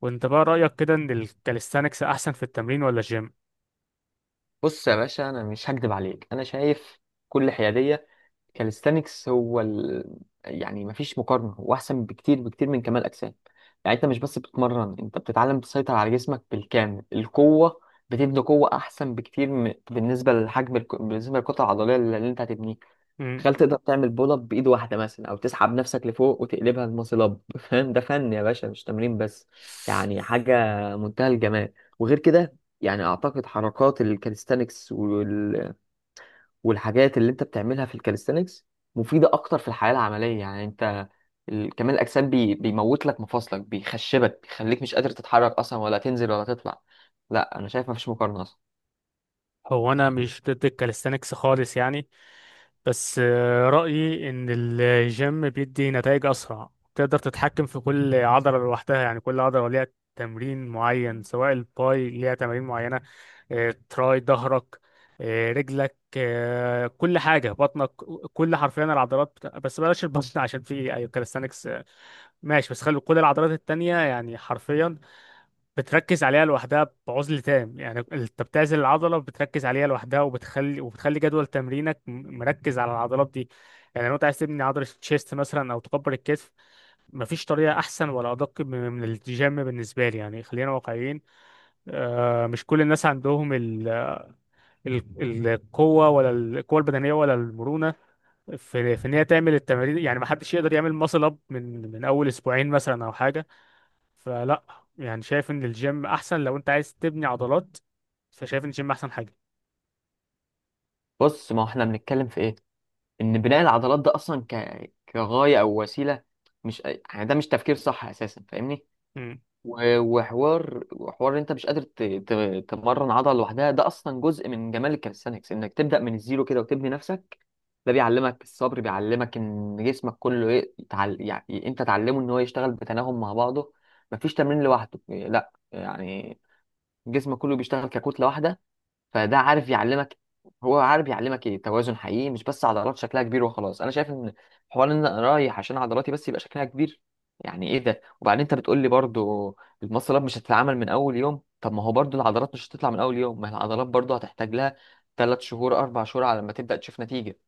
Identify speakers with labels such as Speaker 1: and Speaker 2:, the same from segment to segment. Speaker 1: وانت بقى رأيك كده ان الكاليستانكس احسن في التمرين ولا الجيم؟
Speaker 2: بص يا باشا، انا مش هكدب عليك. انا شايف كل حياديه. كاليستانكس يعني مفيش مقارنه، هو احسن بكتير بكتير من كمال اجسام. يعني انت مش بس بتتمرن، انت بتتعلم تسيطر على جسمك بالكامل. القوه بتبني قوه احسن بكتير، بالنسبه للحجم بالنسبه للكتله العضليه اللي انت هتبنيها.
Speaker 1: مم.
Speaker 2: تخيل تقدر تعمل بول اب بايد واحده مثلا، او تسحب نفسك لفوق وتقلبها الماسل اب فاهم؟ ده فن يا باشا، مش تمرين بس. يعني حاجه منتهى الجمال. وغير كده، يعني اعتقد حركات الكاليستانكس والحاجات اللي انت بتعملها في الكاليستانكس مفيده اكتر في الحياه العمليه. يعني انت، كمال الاجسام بيموت لك مفاصلك، بيخشبك، بيخليك مش قادر تتحرك اصلا، ولا تنزل ولا تطلع. لا، انا شايف مفيش مقارنه اصلا.
Speaker 1: هو انا مش ضد الكاليستانكس خالص يعني. بس رأيي ان الجيم بيدي نتائج اسرع. تقدر تتحكم في كل عضلة لوحدها، يعني كل عضلة ليها تمرين معين، سواء الباي ليها تمارين معينة. تراي، ظهرك، رجلك، كل حاجة، بطنك، كل حرفيا العضلات بس بلاش البطن عشان في كاليستانكس ماشي. بس خلي كل العضلات التانية، يعني حرفيا بتركز عليها لوحدها بعزل تام، يعني انت بتعزل العضله بتركز عليها لوحدها، وبتخلي جدول تمرينك مركز على العضلات دي. يعني لو انت عايز تبني عضله الشيست مثلا او تكبر الكتف، مفيش طريقه احسن ولا ادق من الجيم بالنسبه لي، يعني خلينا واقعيين. مش كل الناس عندهم القوه، ولا القوه البدنيه ولا المرونه في ان هي تعمل التمارين، يعني محدش يقدر يعمل ماسل اب من اول اسبوعين مثلا او حاجه. فلا، يعني شايف ان الجيم احسن لو انت عايز تبني عضلات، فشايف ان الجيم احسن حاجه.
Speaker 2: بص، ما هو احنا بنتكلم في ايه؟ ان بناء العضلات ده اصلا كغايه او وسيله، مش، يعني ده مش تفكير صح اساسا، فاهمني؟
Speaker 1: مم.
Speaker 2: وحوار إن انت مش قادر تمرن عضله لوحدها، ده اصلا جزء من جمال الكاليستانكس، انك تبدا من الزيرو كده وتبني نفسك. ده بيعلمك الصبر، بيعلمك ان جسمك كله يعني انت تعلمه ان هو يشتغل بتناغم مع بعضه. مفيش تمرين لوحده، لا يعني، جسمك كله بيشتغل ككتله واحده. فده عارف يعلمك، هو عارف يعلمك ايه توازن حقيقي، مش بس عضلات شكلها كبير وخلاص. انا شايف ان حوار ان انا رايح عشان عضلاتي بس يبقى شكلها كبير، يعني ايه ده؟ وبعدين انت بتقول لي برضو المصل اب مش هتتعمل من اول يوم. طب ما هو برضو العضلات مش هتطلع من اول يوم، ما هي العضلات برضو هتحتاج لها 3 شهور 4 شهور على ما تبدا تشوف نتيجه.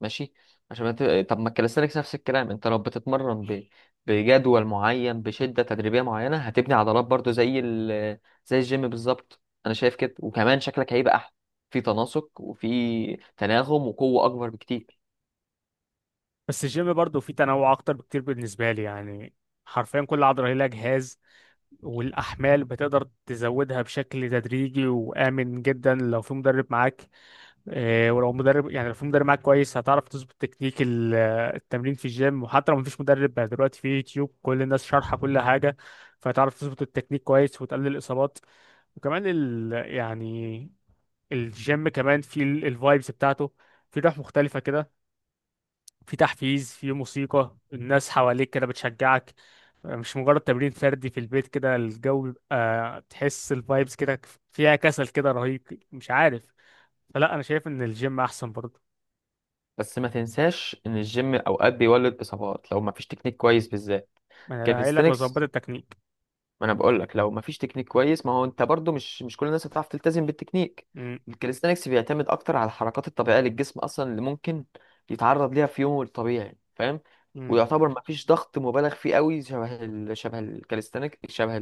Speaker 2: ماشي. عشان ما ت- طب ما الكاليستانكس نفس الكلام، انت لو بتتمرن بجدول معين بشدة تدريبية معينة هتبني عضلات برضو زي الجيم بالظبط. انا شايف كده، وكمان شكلك هيبقى احلى، في تناسق وفي تناغم وقوة اكبر بكتير.
Speaker 1: بس الجيم برضه فيه تنوع اكتر بكتير بالنسبه لي، يعني حرفيا كل عضله هي لها جهاز، والاحمال بتقدر تزودها بشكل تدريجي وامن جدا لو في مدرب معاك. ولو مدرب، يعني لو في مدرب معاك كويس هتعرف تظبط تكنيك التمرين في الجيم. وحتى لو مفيش مدرب بقى، دلوقتي في يوتيوب كل الناس شارحه كل حاجه، فهتعرف تظبط التكنيك كويس وتقلل الاصابات. وكمان يعني الجيم كمان في الفايبس بتاعته. في روح مختلفة كده، في تحفيز، في موسيقى، الناس حواليك كده بتشجعك، مش مجرد تمرين فردي في البيت كده، الجو بيبقى تحس الفايبس كده، فيها كسل كده رهيب مش عارف. فلا انا شايف ان الجيم احسن برضه.
Speaker 2: بس ما تنساش ان الجيم اوقات بيولد اصابات لو ما فيش تكنيك كويس، بالذات
Speaker 1: ما انا قايل لك لو ظبطت
Speaker 2: كاليستانكس.
Speaker 1: التكنيك.
Speaker 2: ما انا بقول لك لو ما فيش تكنيك كويس، ما هو انت برضو مش كل الناس هتعرف تلتزم بالتكنيك.
Speaker 1: م-،
Speaker 2: الكاليستانكس بيعتمد اكتر على الحركات الطبيعيه للجسم اصلا، اللي ممكن يتعرض ليها في يومه الطبيعي، فاهم؟
Speaker 1: م-،
Speaker 2: ويعتبر ما فيش ضغط مبالغ فيه قوي شبه الكاليستانيك، شبه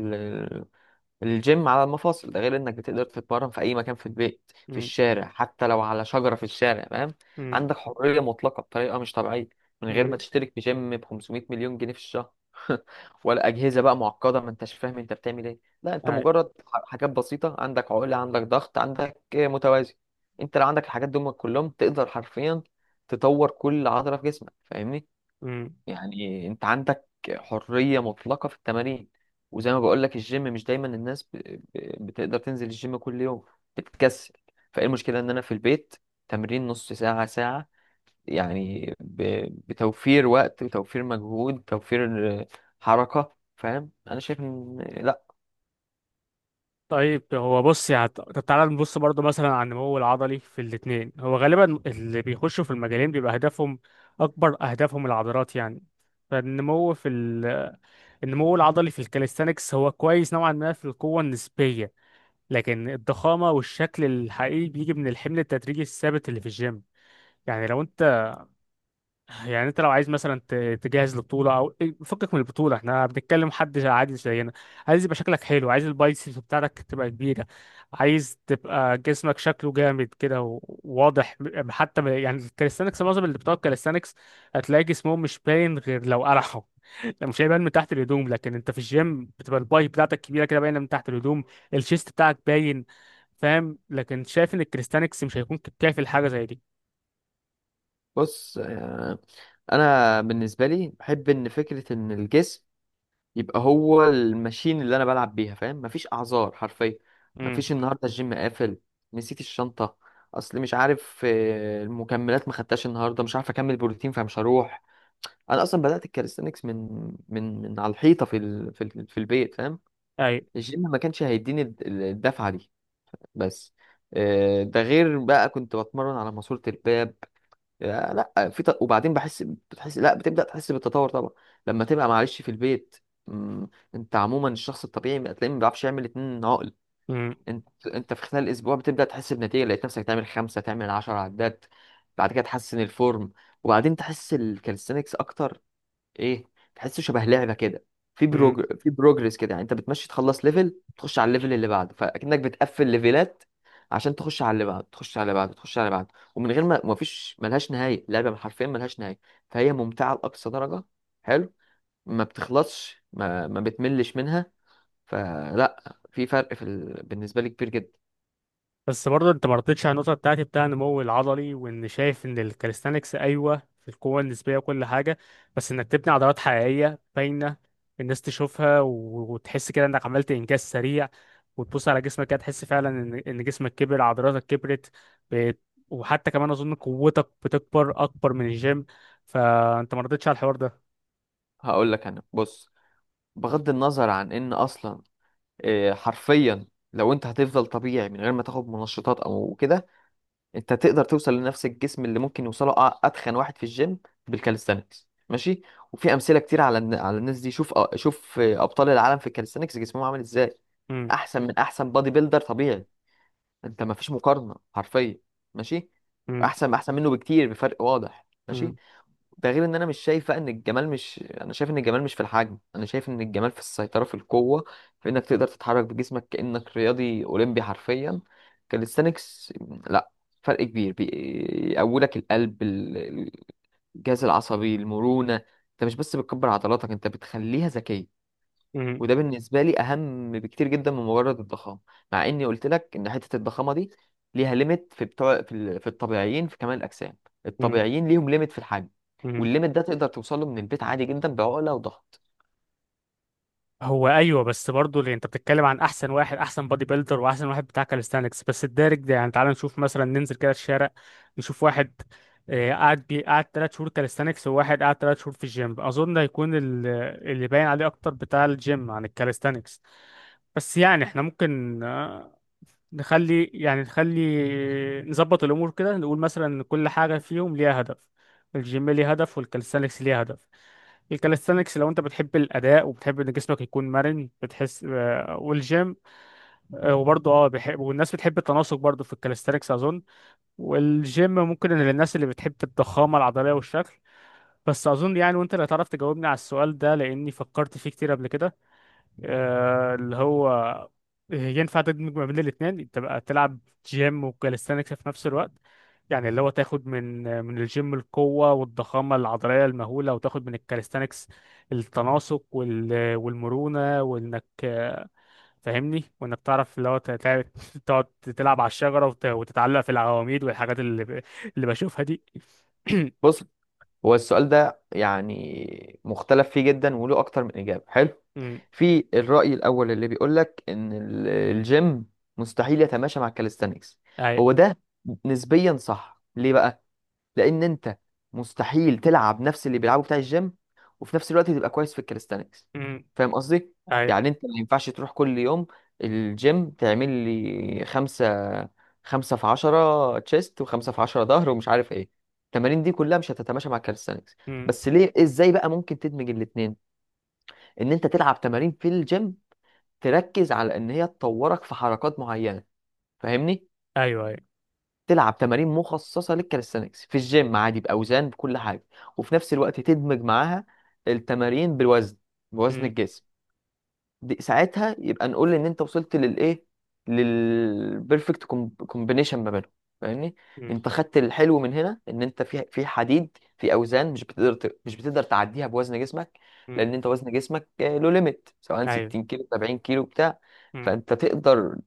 Speaker 2: الجيم على المفاصل. ده غير انك بتقدر تتمرن في اي مكان، في البيت، في
Speaker 1: م-،
Speaker 2: الشارع، حتى لو على شجرة في الشارع، فاهم؟
Speaker 1: م-،
Speaker 2: عندك حرية مطلقة بطريقة مش طبيعية، من غير
Speaker 1: م.
Speaker 2: ما تشترك في جيم ب 500 مليون جنيه في الشهر ولا أجهزة بقى معقدة ما انتش فاهم انت بتعمل ايه. لا، انت مجرد حاجات بسيطة، عندك عقلة، عندك ضغط، عندك متوازي. انت لو عندك الحاجات دول كلهم تقدر حرفيا تطور كل عضلة في جسمك، فاهمني؟
Speaker 1: أي.
Speaker 2: يعني انت عندك حرية مطلقة في التمارين. وزي ما بقول لك، الجيم مش دايما الناس بتقدر تنزل الجيم كل يوم، بتتكسل. فايه المشكلة ان انا في البيت، تمرين نص ساعة ساعة، يعني بتوفير وقت، وتوفير مجهود، توفير حركة. فاهم؟ انا شايف ان لا.
Speaker 1: طيب هو بص، يعني طب تعالى نبص برضو مثلا على النمو العضلي في الاتنين. هو غالبا اللي بيخشوا في المجالين بيبقى هدفهم أكبر، أهدافهم العضلات يعني. فالنمو في ال... النمو العضلي في الكاليستانكس هو كويس نوعا ما في القوة النسبية، لكن الضخامة والشكل الحقيقي بيجي من الحمل التدريجي الثابت اللي في الجيم. يعني لو انت يعني انت لو عايز مثلا تجهز لبطوله او إيه، فكك من البطوله، احنا بنتكلم حد عادي زينا، عايز يبقى شكلك حلو، عايز البايسبس بتاعتك تبقى كبيره، عايز تبقى جسمك شكله جامد كده وواضح. حتى يعني الكاليستانكس، معظم اللي بتوع الكاليستانكس هتلاقي جسمهم مش باين غير لو قرحوا، لو مش هيبان من تحت الهدوم. لكن انت في الجيم بتبقى الباي بتاعتك كبيره كده باينه من تحت الهدوم، الشيست بتاعك باين فاهم. لكن شايف ان الكاليستانكس مش هيكون كافي لحاجه زي دي.
Speaker 2: بص، انا بالنسبة لي بحب ان فكرة ان الجسم يبقى هو الماشين اللي انا بلعب بيها، فاهم؟ مفيش اعذار حرفيا. مفيش
Speaker 1: امم.
Speaker 2: النهارده الجيم قافل، نسيت الشنطه، اصل مش عارف، المكملات ما خدتهاش النهارده، مش عارف اكمل بروتين، فمش هروح. انا اصلا بدات الكاليستانكس من على الحيطه في البيت، فاهم؟
Speaker 1: اي.
Speaker 2: الجيم ما كانش هيديني الدفعه دي. بس ده غير بقى كنت بتمرن على ماسوره الباب يا لا. وبعدين بتحس، لا، بتبدا تحس بالتطور طبعا لما تبقى معلش في البيت. مم، انت عموما الشخص الطبيعي تلاقيه ما بيعرفش يعمل 2 عقل. انت في خلال اسبوع بتبدا تحس بنتيجه، لقيت نفسك تعمل خمسه، تعمل 10 عدات، بعد كده تحسن الفورم، وبعدين تحس الكالستنكس اكتر، ايه تحسه شبه لعبه كده، في بروجرس كده. يعني انت بتمشي تخلص ليفل، تخش على الليفل اللي بعده، فاكنك بتقفل ليفلات عشان تخش على اللي بعده، تخش على اللي بعده، تخش على اللي بعده. ومن غير ما، ما فيش، ملهاش نهايه لعبه، حرفيا ملهاش نهايه، فهي ممتعه لاقصى درجه، حلو. ما بتخلصش، ما بتملش منها. فلا، في فرق بالنسبه لي كبير جدا.
Speaker 1: بس برضه انت ما رضيتش على النقطه بتاعتي بتاع النمو العضلي، وان شايف ان الكاليستانكس ايوه في القوه النسبيه وكل حاجه، بس انك تبني عضلات حقيقيه باينه الناس تشوفها وتحس كده انك عملت انجاز سريع، وتبص على جسمك كده تحس فعلا ان جسمك كبر، عضلاتك كبرت. ب... وحتى كمان اظن قوتك بتكبر اكبر من الجيم، فانت ما رضيتش على الحوار ده.
Speaker 2: هقول لك، انا بص، بغض النظر عن ان اصلا حرفيا، لو انت هتفضل طبيعي من غير ما تاخد منشطات او كده، انت تقدر توصل لنفس الجسم اللي ممكن يوصله اتخن واحد في الجيم بالكاليستانكس. ماشي؟ وفي امثله كتير على على الناس دي. شوف شوف ابطال العالم في الكاليستانكس جسمهم عامل ازاي،
Speaker 1: امم.
Speaker 2: احسن من احسن بادي بيلدر طبيعي. انت ما فيش مقارنه حرفيا، ماشي؟
Speaker 1: امم.
Speaker 2: واحسن منه بكتير، بفرق واضح، ماشي؟
Speaker 1: امم.
Speaker 2: ده غير ان انا مش شايفه ان الجمال، مش، انا شايف ان الجمال مش في الحجم، انا شايف ان الجمال في السيطره، في القوه، في انك تقدر تتحرك بجسمك كانك رياضي اولمبي حرفيا. كاليستانكس، لا، فرق كبير. بيقوي لك القلب، الجهاز العصبي، المرونه. انت مش بس بتكبر عضلاتك، انت بتخليها ذكيه.
Speaker 1: امم.
Speaker 2: وده بالنسبة لي أهم بكتير جدا من مجرد الضخامة، مع إني قلت لك إن حتة الضخامة دي ليها ليميت في الطبيعيين في كمال الأجسام.
Speaker 1: امم،
Speaker 2: الطبيعيين ليهم ليميت في الحجم،
Speaker 1: امم.
Speaker 2: والليميت ده تقدر توصله من البيت عادي جدا بعقلة وضغط.
Speaker 1: هو ايوه، بس برضه اللي انت بتتكلم عن احسن واحد، احسن بادي بيلدر واحسن واحد بتاع كاليستانكس، بس الدارج ده، يعني تعال نشوف مثلا، ننزل كده الشارع نشوف واحد، قعد 3 شهور كاليستانكس، وواحد قعد 3 شهور في الجيم، اظن هيكون اللي باين عليه اكتر بتاع الجيم عن الكاليستانكس. بس يعني احنا ممكن نخلي نظبط الامور كده، نقول مثلا ان كل حاجه فيهم ليها هدف. الجيم ليه هدف والكاليستانكس ليه هدف. الكاليستانكس لو انت بتحب الاداء وبتحب ان جسمك يكون مرن بتحس، والجيم وبرضه بيحب، والناس بتحب التناسق برضه في الكاليستانكس اظن. والجيم ممكن إن للناس اللي بتحب الضخامه العضليه والشكل. بس اظن يعني، وانت اللي هتعرف تجاوبني على السؤال ده لاني فكرت فيه كتير قبل كده، اللي هو ينفع تدمج ما بين الاثنين، تبقى تلعب جيم وكاليستانكس في نفس الوقت؟ يعني اللي هو تاخد من الجيم القوة والضخامة العضلية المهولة، وتاخد من الكاليستانكس التناسق والمرونة، وانك فاهمني، وانك تعرف اللي هو تقعد تلعب على الشجرة وتتعلق في العواميد والحاجات اللي اللي بشوفها دي.
Speaker 2: بص، هو السؤال ده يعني مختلف فيه جدا وله أكتر من إجابة، حلو.
Speaker 1: أمم،
Speaker 2: في الرأي الأول اللي بيقول لك إن الجيم مستحيل يتماشى مع الكاليستانكس،
Speaker 1: اي.
Speaker 2: هو ده نسبيا صح. ليه بقى؟ لان انت مستحيل تلعب نفس اللي بيلعبه بتاع الجيم وفي نفس الوقت تبقى كويس في الكاليستانكس،
Speaker 1: أمم،
Speaker 2: فاهم قصدي؟
Speaker 1: اي.
Speaker 2: يعني انت ما ينفعش تروح كل يوم الجيم تعمل لي خمسة، خمسة في عشرة تشيست، وخمسة في عشرة ظهر، ومش عارف ايه. التمارين دي كلها مش هتتماشى مع الكاليستانكس.
Speaker 1: أمم،
Speaker 2: بس ليه؟ ازاي بقى ممكن تدمج الاتنين؟ ان انت تلعب تمارين في الجيم تركز على ان هي تطورك في حركات معينة، فاهمني؟
Speaker 1: ايوه، ايوه.
Speaker 2: تلعب تمارين مخصصه للكاليستانكس في الجيم عادي باوزان بكل حاجه، وفي نفس الوقت تدمج معاها التمارين بالوزن، بوزن
Speaker 1: أمم،
Speaker 2: الجسم. دي ساعتها يبقى نقول ان انت وصلت للايه، للبيرفكت كومبينيشن ما بينهم، فاهمني؟
Speaker 1: أمم،
Speaker 2: انت خدت الحلو من هنا ان انت في حديد في اوزان مش بتقدر تعديها بوزن جسمك.
Speaker 1: أمم،
Speaker 2: لان انت وزن جسمك له ليميت، سواء
Speaker 1: ايوه.
Speaker 2: 60 كيلو 70 كيلو بتاع.
Speaker 1: أمم.
Speaker 2: فانت تقدر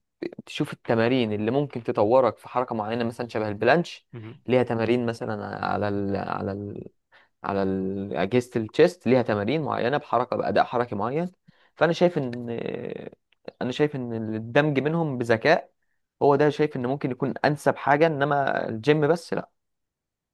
Speaker 2: تشوف التمارين اللي ممكن تطورك في حركه معينه مثلا شبه البلانش.
Speaker 1: مهم.
Speaker 2: ليها تمارين مثلا على ال على على ال- أجهزة التشيست ليها تمارين معينة بحركة بأداء حركي معين. فأنا شايف إن أنا شايف إن الدمج منهم بذكاء هو ده. شايف إن ممكن يكون أنسب حاجة، إنما الجيم بس لا.